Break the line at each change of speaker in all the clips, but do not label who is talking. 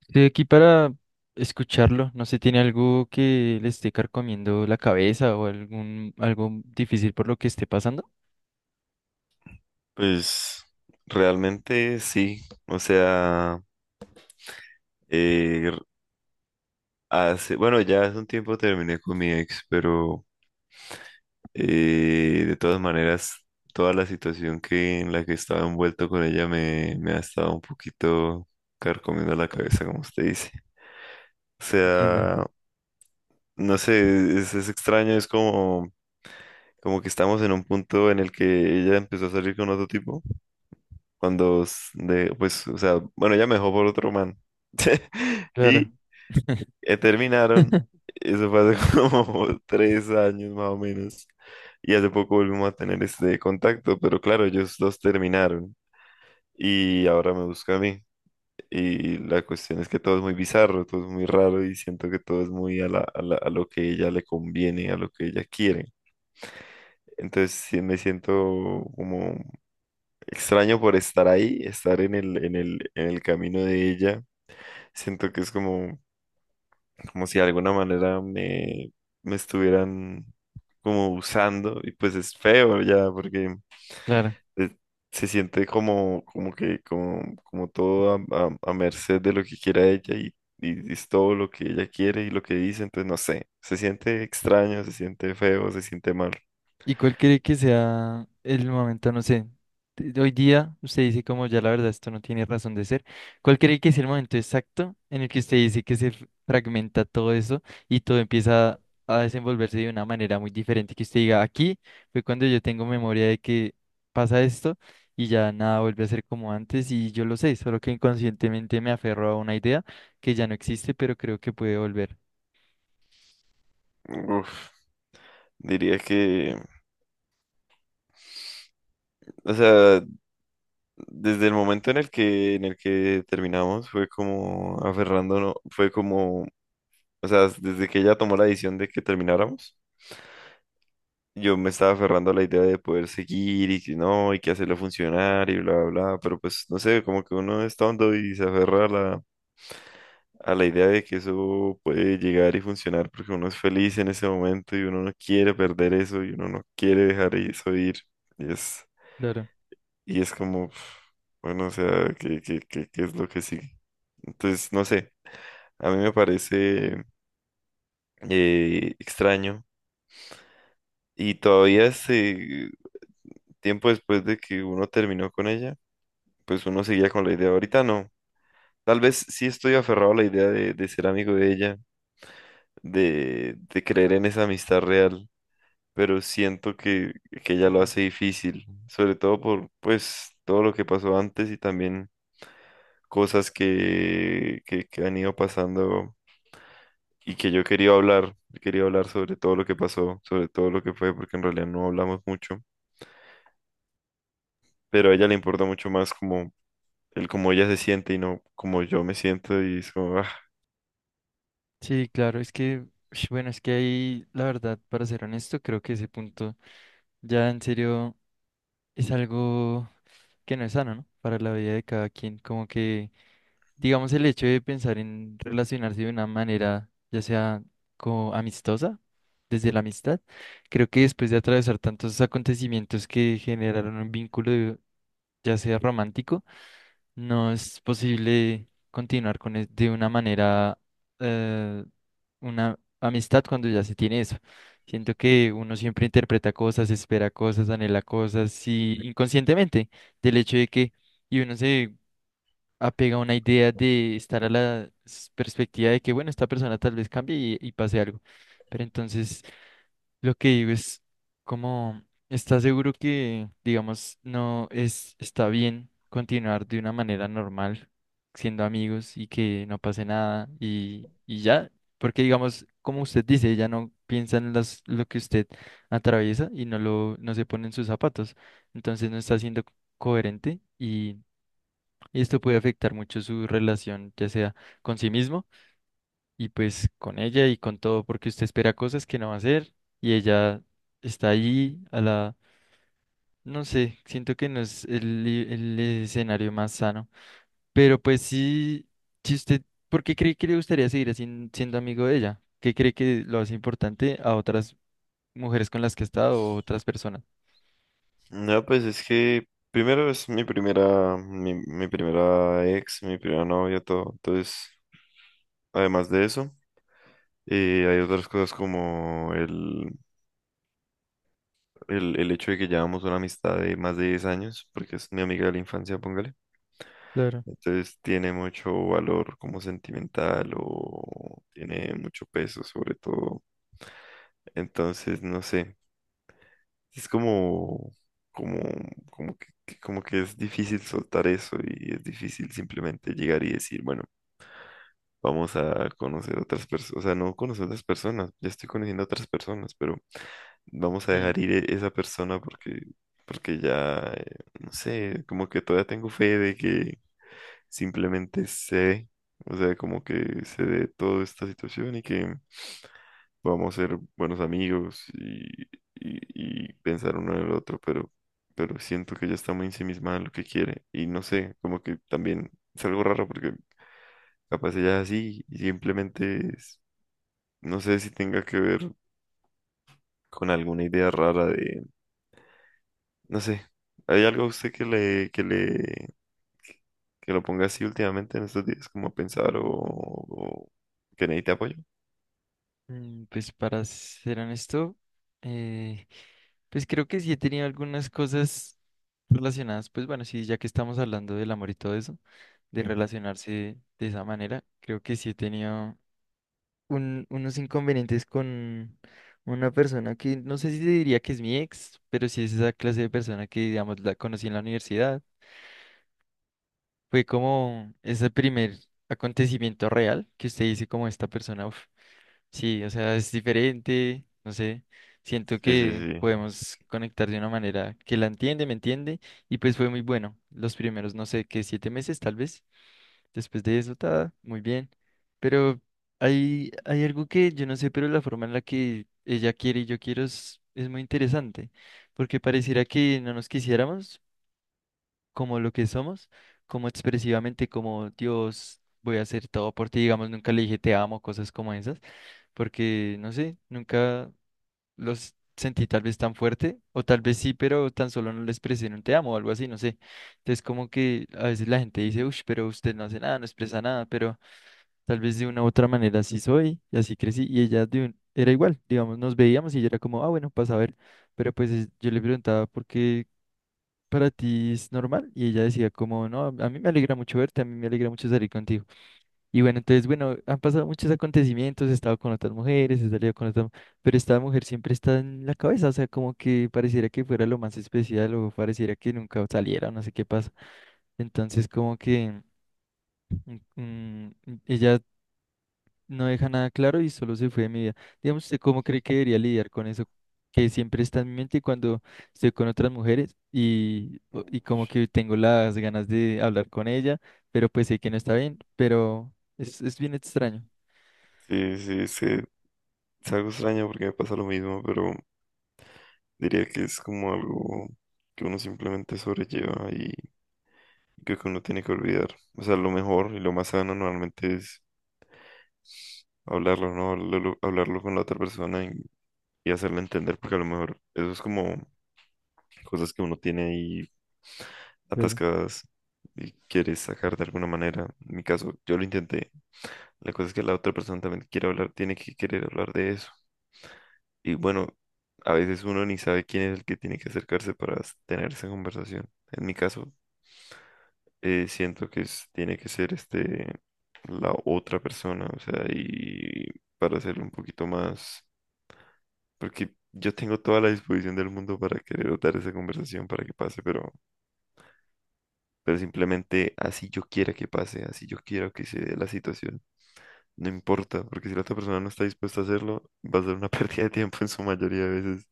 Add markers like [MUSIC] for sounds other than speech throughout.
Estoy aquí para escucharlo. No sé, ¿tiene algo que le esté carcomiendo la cabeza o algún algo difícil por lo que esté pasando?
Pues realmente sí, o sea, eh, bueno, ya hace un tiempo terminé con mi ex, pero de todas maneras, toda la situación que en la que estaba envuelto con ella me ha estado un poquito carcomiendo la cabeza, como usted dice. O
Entiendo.
sea, no sé, es extraño, es como que estamos en un punto en el que ella empezó a salir con otro tipo, pues, o sea, bueno, ella me dejó por otro man. [LAUGHS]
Claro,
Y terminaron.
[LAUGHS]
Eso fue hace [LAUGHS] como 3 años más o menos. Y hace poco volvimos a tener este contacto, pero claro, ellos dos terminaron y ahora me busca a mí. Y la cuestión es que todo es muy bizarro, todo es muy raro y siento que todo es muy a lo que ella le conviene, a lo que ella quiere. Entonces sí me siento como extraño por estar ahí, estar en el camino de ella. Siento que es como si de alguna manera me estuvieran como usando y pues es feo ya porque
claro.
eh, se siente como que como todo a merced de lo que quiera ella y es todo lo que ella quiere y lo que dice, entonces no sé, se siente extraño, se siente feo, se siente mal.
¿Y cuál cree que sea el momento, no sé, hoy día usted dice como ya la verdad esto no tiene razón de ser, ¿cuál cree que es el momento exacto en el que usted dice que se fragmenta todo eso y todo empieza a desenvolverse de una manera muy diferente, que usted diga, aquí fue cuando yo tengo memoria de que pasa esto y ya nada vuelve a ser como antes y yo lo sé, solo que inconscientemente me aferro a una idea que ya no existe, pero creo que puede volver.
Uf, diría que, o sea, desde el momento en el que terminamos fue como aferrándonos, fue como O sea, desde que ella tomó la decisión de que termináramos, yo me estaba aferrando a la idea de poder seguir y que no, y que hacerlo funcionar y bla, bla, bla, pero pues no sé, como que uno es tonto y se aferra a la idea de que eso puede llegar y funcionar porque uno es feliz en ese momento y uno no quiere perder eso y uno no quiere dejar eso ir. Y es, y es como, bueno, o sea, ¿qué es lo que sigue? Entonces, no sé, a mí me parece extraño. Y todavía tiempo después de que uno terminó con ella, pues uno seguía con la idea. Ahorita no. Tal vez sí estoy aferrado a la idea de ser amigo de ella, de creer en esa amistad real, pero siento que ella lo
Claro.
hace difícil, sobre todo por pues todo lo que pasó antes y también cosas que han ido pasando y que yo quería hablar sobre todo lo que pasó, sobre todo lo que fue, porque en realidad no hablamos mucho, pero a ella le importa mucho más como el cómo ella se siente y no como yo me siento y es como, ah.
Sí, claro, ush, bueno, es que ahí, la verdad, para ser honesto, creo que ese punto ya en serio es algo que no es sano, ¿no? Para la vida de cada quien, como que, digamos, el hecho de pensar en relacionarse de una manera, ya sea como amistosa, desde la amistad, creo que después de atravesar tantos acontecimientos que generaron un vínculo, ya sea romántico, no es posible continuar con de una manera eh, una amistad cuando ya se tiene eso. Siento que uno siempre interpreta cosas, espera cosas, anhela cosas y inconscientemente del hecho de que y uno se apega a una idea de estar a la perspectiva de que bueno, esta persona tal vez cambie y pase algo. Pero entonces lo que digo es como, ¿estás seguro que, digamos, no es, está bien continuar de una manera normal, siendo amigos y que no pase nada y ya? Porque, digamos, como usted dice, ella no piensa en lo que usted atraviesa y no se pone en sus zapatos. Entonces no está siendo coherente y esto puede afectar mucho su relación, ya sea con sí mismo y pues con ella y con todo, porque usted espera cosas que no va a hacer y ella está ahí a la, no sé, siento que no es el escenario más sano, pero pues sí, si usted, ¿por qué cree que le gustaría seguir así siendo amigo de ella? ¿Qué cree que lo hace importante a otras mujeres con las que ha estado o otras personas?
No, pues es que primero es mi primera ex, mi primera novia, todo. Entonces, además de eso, hay otras cosas como el hecho de que llevamos una amistad de más de 10 años, porque es mi amiga de la infancia, póngale.
Claro.
Entonces tiene mucho valor como sentimental o tiene mucho peso sobre todo. Entonces, no sé. Es como, como que es difícil soltar eso y es difícil simplemente llegar y decir, bueno, vamos a conocer otras personas, o sea, no conocer otras personas, ya estoy conociendo otras personas, pero vamos a dejar
Mm,
ir esa persona porque, ya, no sé, como que todavía tengo fe de que simplemente o sea, como que se dé toda esta situación y que vamos a ser buenos amigos y pensar uno en el otro, pero siento que ella está muy ensimismada en lo que quiere y no sé, como que también es algo raro porque capaz ella es así y simplemente no sé si tenga que ver con alguna idea rara de, no sé, ¿hay algo a usted que lo ponga así últimamente en estos días como a pensar o que necesite apoyo?
Pues para ser honesto, eh, pues creo que sí he tenido algunas cosas relacionadas, pues bueno, sí, ya que estamos hablando del amor y todo eso, de relacionarse de esa manera. Creo que sí he tenido unos inconvenientes con una persona que no sé si te diría que es mi ex, pero sí es esa clase de persona que, digamos, la conocí en la universidad. Fue como ese primer acontecimiento real que usted dice como esta persona, uf, sí, o sea, es diferente, no sé. Siento
Sí, sí,
que
sí.
podemos conectar de una manera que la entiende, me entiende, y pues fue muy bueno. Los primeros, no sé, que siete meses tal vez. Después de eso, está muy bien. Pero hay algo que yo no sé, pero la forma en la que ella quiere y yo quiero es muy interesante, porque pareciera que no nos quisiéramos como lo que somos, como expresivamente, como Dios, voy a hacer todo por ti, digamos, nunca le dije te amo, cosas como esas, porque no sé, nunca los sentí tal vez tan fuerte, o tal vez sí, pero tan solo no le expresé en un te amo o algo así, no sé. Entonces como que a veces la gente dice, uff, pero usted no hace nada, no expresa nada, pero... Tal vez de una u otra manera así soy, y así crecí, y ella era igual, digamos, nos veíamos y ella era como, ah, bueno, pasa a ver, pero pues yo le preguntaba por qué para ti es normal, y ella decía como, no, a mí me alegra mucho verte, a mí me alegra mucho salir contigo. Y bueno, entonces, bueno, han pasado muchos acontecimientos, he estado con otras mujeres, he salido con otras, pero esta mujer siempre está en la cabeza, o sea, como que pareciera que fuera lo más especial o pareciera que nunca saliera, o no sé qué pasa. Entonces, como que... Mm, mm, ella no deja nada claro y solo se fue de mi vida. Digamos, ¿usted cómo cree que debería lidiar con eso que siempre está en mi mente cuando estoy con otras mujeres y
Uf,
como que tengo las ganas de hablar con ella, pero pues sé que no está bien, pero es bien extraño.
sí, sí, es que es algo extraño porque me pasa lo mismo, pero diría que es como algo que uno simplemente sobrelleva y que uno tiene que olvidar. O sea, lo mejor y lo más sano normalmente es hablarlo, ¿no? hablarlo, hablarlo con la otra persona y hacerle entender, porque a lo mejor eso es como cosas que uno tiene ahí
Claro,
atascadas y quiere sacar de alguna manera. En mi caso, yo lo intenté. La cosa es que la otra persona también quiere hablar, tiene que querer hablar de eso. Y bueno, a veces uno ni sabe quién es el que tiene que acercarse para tener esa conversación. En mi caso, siento que tiene que ser este la otra persona, o sea, y para hacerlo un poquito más, porque yo tengo toda la disposición del mundo para querer dar esa conversación para que pase, pero simplemente así yo quiera que pase, así yo quiero que se dé la situación, no importa, porque si la otra persona no está dispuesta a hacerlo, [LAUGHS] va a ser una [LAUGHS] pérdida de tiempo en su mayoría de veces.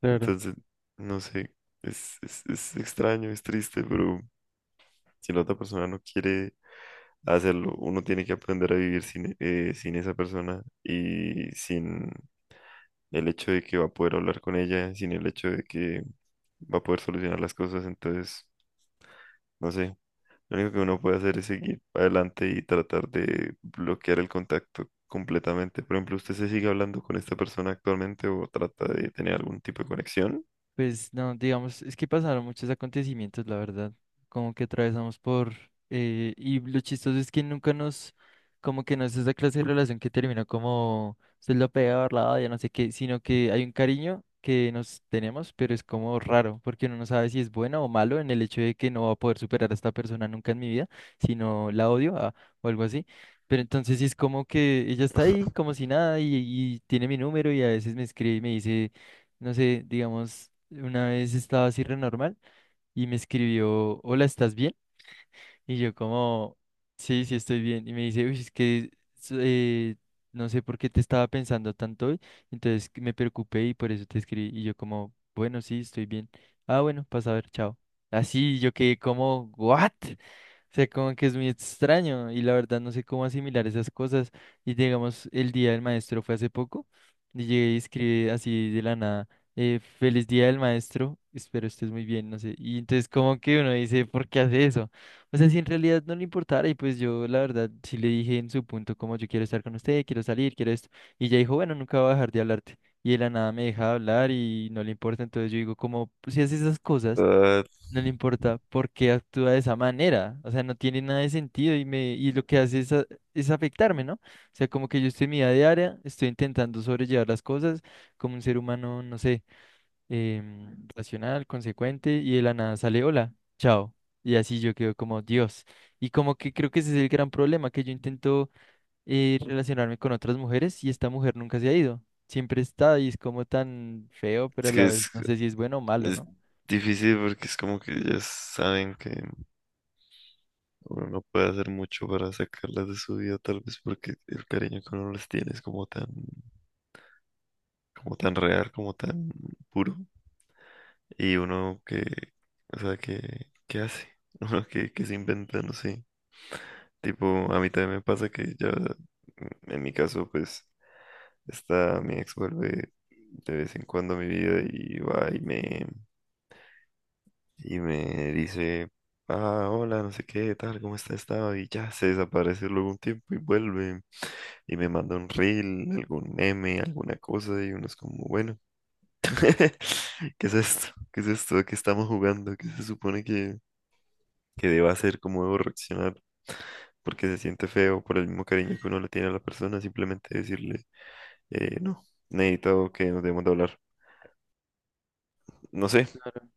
claro.
Entonces, no sé, es extraño, es triste, pero si la otra persona no quiere hacerlo. Uno tiene que aprender a vivir sin esa persona y sin el hecho de que va a poder hablar con ella, sin el hecho de que va a poder solucionar las cosas. Entonces, no sé, lo único que uno puede hacer es seguir adelante y tratar de bloquear el contacto completamente. Por ejemplo, ¿usted se sigue hablando con esta persona actualmente o trata de tener algún tipo de conexión?
Pues no, digamos, es que pasaron muchos acontecimientos, la verdad, como que atravesamos por, y lo chistoso es que nunca nos, como que no es esa clase de relación que termina como, se lo peor, la odia, no sé qué, sino que hay un cariño que nos tenemos, pero es como raro, porque uno no sabe si es bueno o malo en el hecho de que no va a poder superar a esta persona nunca en mi vida, sino la odio ah, o algo así. Pero entonces sí es como que ella está ahí
[LAUGHS]
como si nada y tiene mi número y a veces me escribe y me dice no sé, digamos, una vez estaba así re normal y me escribió, hola, ¿estás bien? Y yo como, sí, sí estoy bien. Y me dice, uy, es que s- eh, no sé por qué te estaba pensando tanto hoy. Entonces que me preocupé y por eso te escribí. Y yo como, bueno, sí, estoy bien. Ah, bueno, pasa a ver, chao. Así yo quedé como, ¿what? O sea, como que es muy extraño y la verdad no sé cómo asimilar esas cosas. Y digamos, el día del maestro fue hace poco y llegué y escribí así de la nada, feliz día del maestro, espero estés muy bien, no sé. Y entonces como que uno dice, ¿por qué hace eso? O sea, si en realidad no le importara, y pues yo la verdad sí le dije en su punto como yo quiero estar con usted, quiero salir, quiero esto. Y ella dijo, bueno, nunca voy a dejar de hablarte. Y de la nada me deja de hablar y no le importa. Entonces yo digo, como pues, si hace esas cosas,
Ah,
no le importa por qué actúa de esa manera. O sea, no tiene nada de sentido y lo que hace es, es afectarme, ¿no? O sea, como que yo estoy en mi vida diaria, estoy intentando sobrellevar las cosas como un ser humano, no sé racional, consecuente, y de la nada sale, hola, chao. Y así yo quedo como Dios. Y como que creo que ese es el gran problema, que yo intento relacionarme con otras mujeres y esta mujer nunca se ha ido. Siempre está y es como tan feo, pero a
es que
la vez
es,
no sé si es bueno o malo,
es
¿no?
difícil porque es como que ya saben que... Uno no puede hacer mucho para sacarlas de su vida, tal vez porque el cariño que uno les tiene es como tan real, como tan puro. Y uno que, o sea, que, ¿qué hace? [LAUGHS] Uno que se inventa, no sé. Tipo, a mí también me pasa que ya, en mi caso, pues, está mi ex vuelve de vez en cuando a mi vida y va y y me dice, ah, hola, no sé qué, tal, ¿cómo está estado? Y ya se desaparece luego un tiempo y vuelve. Y me manda un reel, algún meme, alguna cosa, y uno es como, bueno, [LAUGHS] ¿qué es esto? ¿Qué es esto? ¿A ¿Qué estamos jugando? ¿Qué se supone que deba hacer? ¿Cómo debo reaccionar? Porque se siente feo por el mismo cariño que uno le tiene a la persona, simplemente decirle, no, necesito que nos debemos de hablar. No sé,
Claro.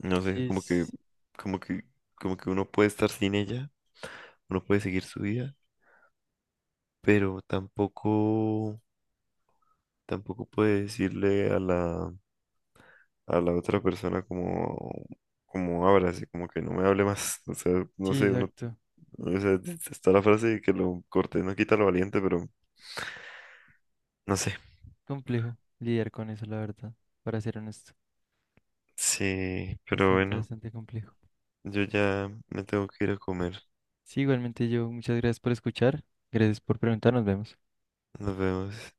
no
Sí,
sé, como que, como que uno puede estar sin ella, uno puede seguir su vida, pero tampoco puede decirle a la otra persona como habla, así como que no me hable más. [LAUGHS] O sea, no
sí,
sé, uno,
exacto.
o sea, está la frase de que lo corté, no quita lo valiente, pero no sé.
Complejo lidiar con eso, la verdad, para ser honesto.
Sí, pero
Bastante,
bueno,
bastante complejo.
yo ya me tengo que ir a comer.
Sí, igualmente yo, muchas gracias por escuchar. Gracias por preguntar, nos vemos.
Nos vemos.